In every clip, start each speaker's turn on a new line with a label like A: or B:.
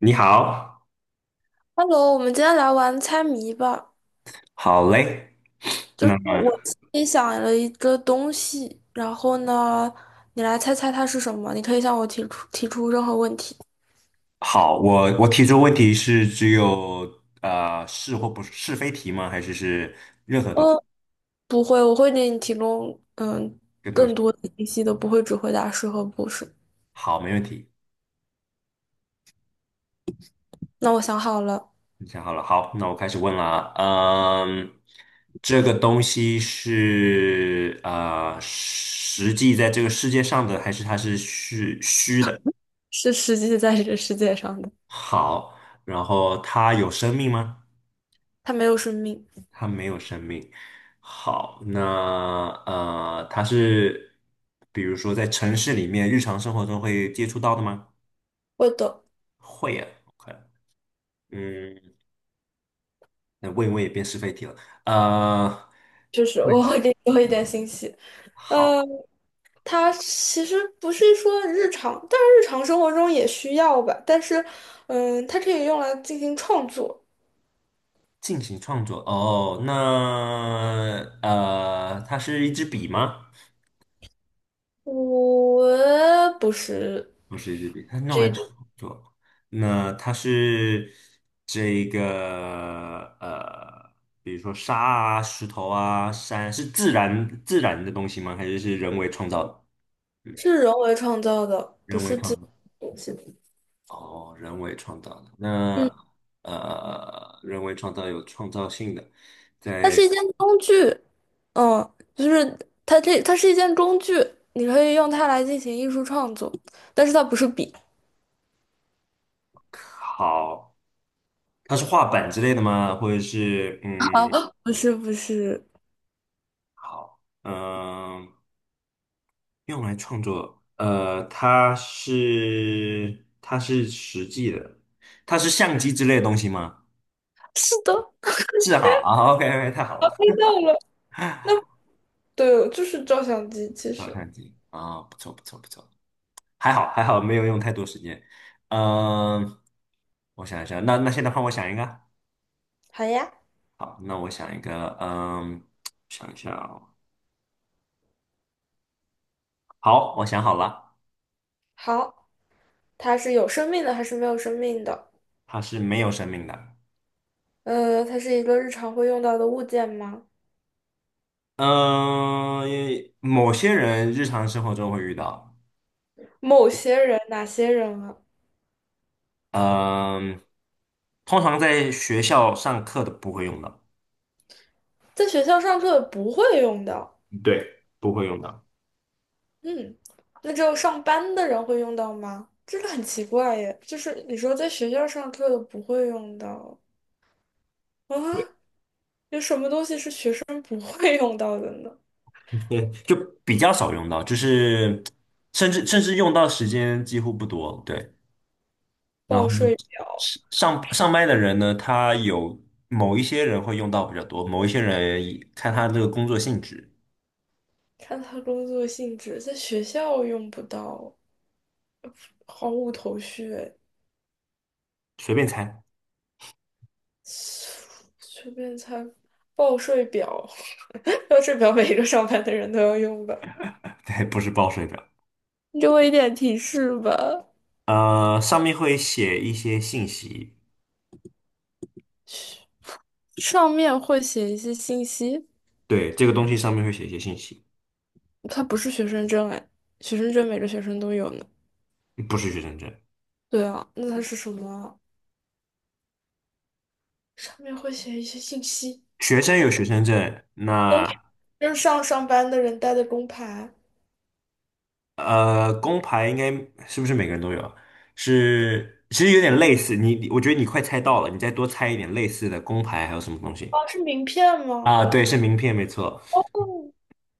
A: 你好，
B: Hello，我们今天来玩猜谜吧。
A: 好嘞。
B: 就是
A: 那么
B: 我心里想了一个东西，然后呢，你来猜猜它是什么。你可以向我提出任何问题。
A: 好，我提出问题是只有是或不是是非题吗？还是任何都
B: 嗯，不会，我会给你提供
A: 更多？
B: 更多的信息的，不会只回答是和不是。
A: 好，没问题。
B: 那我想好了，
A: 你想好了，好，那我开始问了啊。嗯，这个东西是实际在这个世界上的，还是它是虚虚的？
B: 是实际在这个世界上的，
A: 好，然后它有生命吗？
B: 它没有生命。
A: 它没有生命。好，那它是比如说在城市里面日常生活中会接触到的吗？
B: 会的，
A: 会啊，OK，嗯，那问一问也变是非题了。呃，
B: 就是
A: 会，
B: 我会给你多一点信息。
A: 好，
B: 嗯。它其实不是说日常，但是日常生活中也需要吧。但是，嗯，它可以用来进行创作。
A: 进行创作。哦，那它是一支笔吗？
B: 我不是
A: 不是日币，它是用
B: 这
A: 来
B: 种，
A: 创作。那它是这个呃，比如说沙啊、石头啊、山，是自然的东西吗？还是人为创造的？
B: 是人为创造的，不
A: 人为
B: 是自
A: 创
B: 己
A: 造。
B: 东西。
A: 哦，人为创造的。那
B: 嗯，
A: 人为创造有创造性的，
B: 它是
A: 在
B: 一件工具。嗯，就是它是一件工具，你可以用它来进行艺术创作，但是它不是笔
A: 好，它是画板之类的吗？或者是
B: 啊，不是，
A: 好，用来创作，它是实际的，它是相机之类的东西吗？
B: 是的，
A: 是好啊，OK OK,太好
B: 猜
A: 了，
B: 到了。那对，就是照相机，其
A: 照
B: 实。
A: 相机啊，不错不错不错，还好还好，没有用太多时间。嗯，我想一下，那现在换我想一个，
B: 好呀，
A: 好，那我想一个，想一下哦，好，我想好了，
B: 好。它是有生命的还是没有生命的？
A: 它是没有生命的，
B: 呃，它是一个日常会用到的物件吗？
A: 嗯，某些人日常生活中会遇到。
B: 某些人，哪些人啊？
A: 嗯，通常在学校上课的不会用到，
B: 在学校上课不会用到，
A: 对不会用到，
B: 嗯，那只有上班的人会用到吗？这个很奇怪耶，就是你说在学校上课的不会用到
A: 对，
B: 啊，有什么东西是学生不会用到的呢？
A: 对，就比较少用到，就是甚至用到时间几乎不多，对。然后
B: 报税，
A: 上班的人呢，他有某一些人会用到比较多，某一些人以看他这个工作性质，
B: 看他工作性质，在学校用不到，毫无头绪。
A: 随便猜，
B: 随便猜，报税表，报税表每一个上班的人都要用吧？
A: 对，不是报税表，
B: 你给我一点提示吧。
A: 上面会写一些信息，
B: 上面会写一些信息，
A: 对，这个东西上面会写一些信息，
B: 它不是学生证哎，学生证每个学生都有呢。
A: 不是学生证。
B: 对啊，那它是什么啊，上面会写一些信息，
A: 学生有学生证，那
B: 就是上班的人带的工牌。
A: 工牌应该是不是每个人都有啊？是，其实有点
B: 有
A: 类似。我觉得你快猜到了，你再多猜一点类似的工牌还有什么东西
B: 哦，是名片吗？
A: 啊？对，是名片，没错，
B: 哦，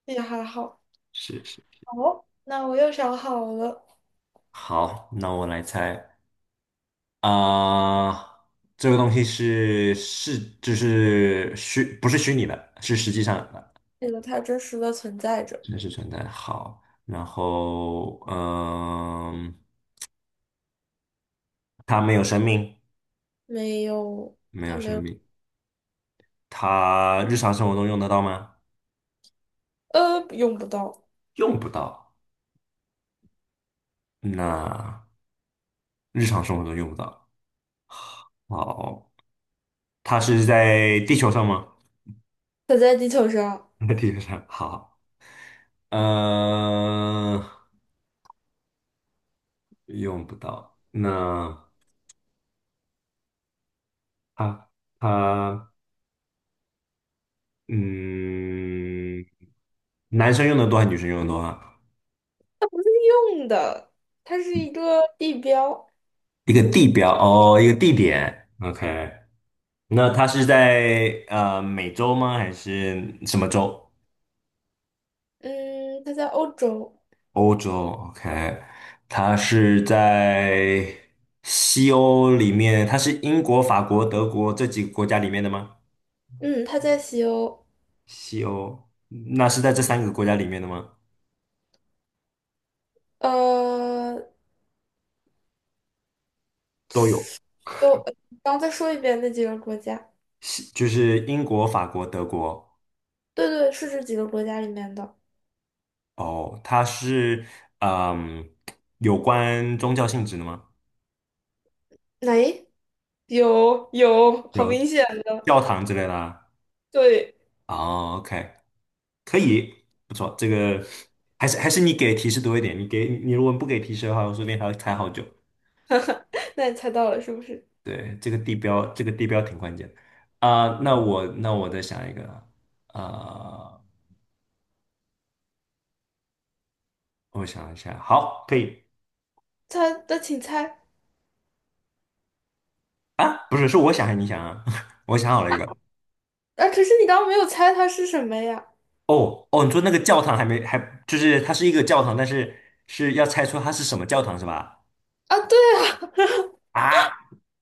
B: 也还好。
A: 是是。
B: 哦，那我又想好了，
A: 好，那我来猜啊，这个东西是就是虚，不是虚拟的，是实际上的，
B: 这个它真实的存在着，
A: 真实存在好，然后它没有生命，
B: 没有。
A: 没有生命。它日常生活中用得到吗？
B: 呃，用不到，
A: 用不到。那日常生活中用不到。好，它是在地球上吗？
B: 它在地球上
A: 在地球上。好，呃，用不到。那它它嗯，男生用的多还是女生用的多啊？
B: 用的，它是一个地标。
A: 一个地标哦，一个地点。OK，那它是在美洲吗？还是什么洲？
B: 嗯，它在欧洲。
A: 欧洲，OK，它是在西欧里面，它是英国、法国、德国这几个国家里面的吗？
B: 嗯，它在西欧。
A: 西欧，那是在这三个国家里面的吗？
B: 呃，
A: 都有，
B: 都，刚再说一遍那几个国家。
A: 西就是英国、法国、德国。
B: 对对，是这几个国家里面的。
A: 哦，它是嗯，有关宗教性质的吗？
B: 哎，有有，好明
A: 有
B: 显的，
A: 教堂之类的啊？
B: 对。
A: o k 可以，不错，这个还是你给提示多一点，你如果不给提示的话，我说不定还要猜好久。
B: 那你猜到了是不是？
A: 对，这个地标，这个地标挺关键的啊、那我再想一个啊、我想一下，好，可以
B: 猜，那请猜。
A: 啊，不是，是我想还是你想啊？我想好了一个。
B: 啊，可是你刚刚没有猜它是什么呀？
A: 哦哦，你说那个教堂还没还就是它是一个教堂，但是是要猜出它是什么教堂是吧？
B: 啊，对啊，
A: 啊，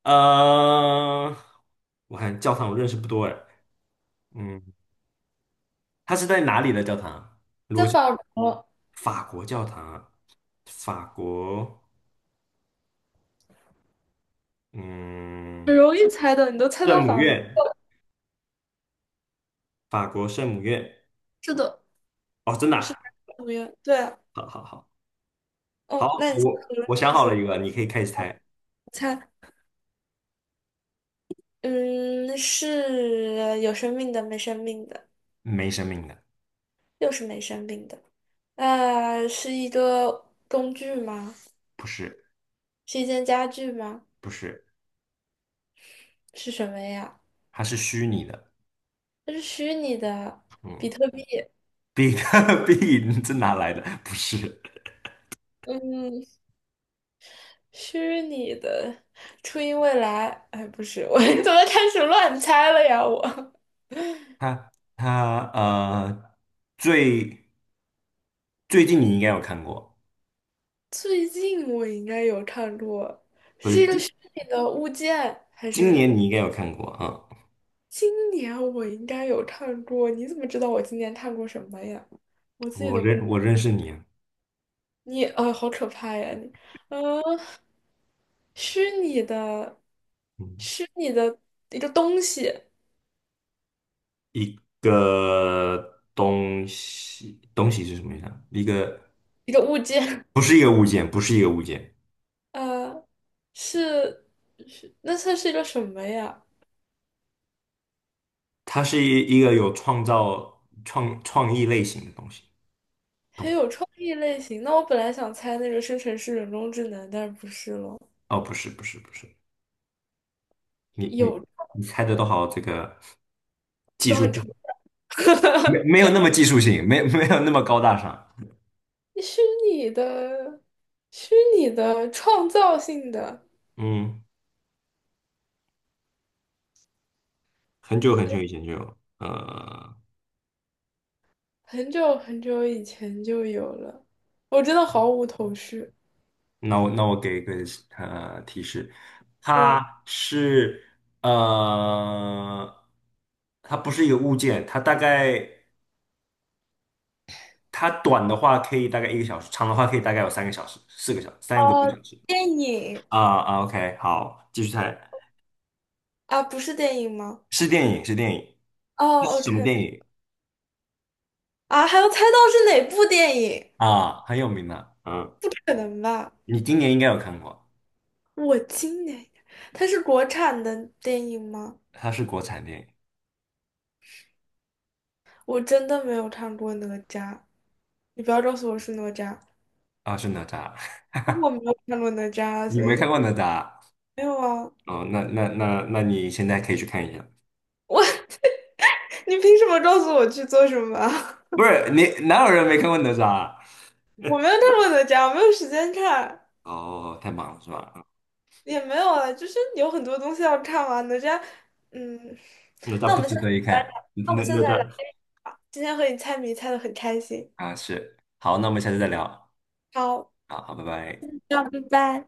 A: 呃，我看教堂我认识不多哎，嗯，它是在哪里的教堂？
B: 在法国。
A: 法国教堂啊，法国，嗯，
B: 很容易猜的，你都猜到
A: 圣母
B: 法国。
A: 院。法国圣母院。
B: 是的，
A: 哦，真的
B: 就是
A: 啊
B: 纽约，对。
A: 好好好好，
B: 哦，那你
A: 我
B: 可能
A: 我想
B: 就
A: 好了
B: 是
A: 一个，你可以开始猜。
B: 猜。嗯，是有生命的，没生命的？
A: 没生命的，
B: 又是没生命的。呃，是一个工具吗？
A: 不是
B: 是一件家具吗？
A: 不是，
B: 是什么呀？
A: 它是虚拟的。
B: 它是虚拟的，比
A: 嗯
B: 特币，
A: ，big big 这哪 来的？不是，
B: 嗯，虚拟的，初音未来，哎，不是，我 怎么开始乱猜了呀？我
A: 它最最近你应该有看过，
B: 最近我应该有看过
A: 不是今
B: 那个物件，还
A: 今
B: 是？
A: 年你应该有看过啊。嗯
B: 今年我应该有看过，你怎么知道我今年看过什么呀？我自己
A: 我
B: 都不
A: 认
B: 知。
A: 我认识你啊，
B: 你啊，好可怕呀！你，嗯、虚拟的，
A: 嗯，
B: 虚拟的一个东西，
A: 一个东西东西是什么意思啊？
B: 一个物件，
A: 不是一个物件，不是一个物件。
B: 呃，是是，那算是一个什么呀？
A: 它是一个有创造创创意类型的东西。
B: 很有创意类型。那我本来想猜那个生成式人工智能，但是不是咯，
A: 哦，不是，不是，不是，你
B: 有
A: 你你猜的都好，这个技
B: 都
A: 术
B: 很抽
A: 性
B: 象。
A: 没有那么技术性，没有那么高大上。
B: 虚拟的，虚拟的创造性的。
A: 嗯，很久很久以前就有。
B: 很久很久以前就有了，我真的毫无头绪。
A: 那我给一个提示，
B: 嗯，
A: 它是呃，它不是一个物件，它大概它短的话可以大概一个小时，长的话可以大概有3个小时、4个小时、三个多
B: 哦，
A: 小时。
B: 电影
A: 啊啊，OK，好，继续猜，
B: 啊，不是电影吗？
A: 是电影，是电影，这是
B: 哦
A: 什么
B: ，OK，
A: 电影
B: 啊，还要猜到是哪部电影？
A: 啊？很有名的，
B: 不可能吧？
A: 你今年应该有看过，
B: 我今年，它是国产的电影吗？
A: 它是国产电影
B: 我真的没有看过哪吒，你不要告诉我是哪吒，
A: 啊，是哪吒，
B: 我没有看过哪吒，啊
A: 你
B: 所
A: 没看
B: 以
A: 过哪吒？
B: 没有啊。
A: 哦，那你现在可以去看一下，
B: 我，你凭什么告诉我去做什么啊？
A: 不是你哪有人没看过哪吒啊
B: 我没有看过哪吒，我没有时间看。
A: 哦，太忙了是吧？
B: 也没有啊，就是有很多东西要看完的。这样，嗯，
A: 哪
B: 那
A: 吒
B: 我
A: 不
B: 们下
A: 值
B: 次
A: 得一
B: 来
A: 看，
B: 聊，那我
A: 哪
B: 们下
A: 哪
B: 次来聊。
A: 吒
B: 今天和你猜谜猜的很开心，
A: 啊是，好，那我们下次再聊，
B: 好，
A: 啊，好，拜拜。
B: 那拜拜。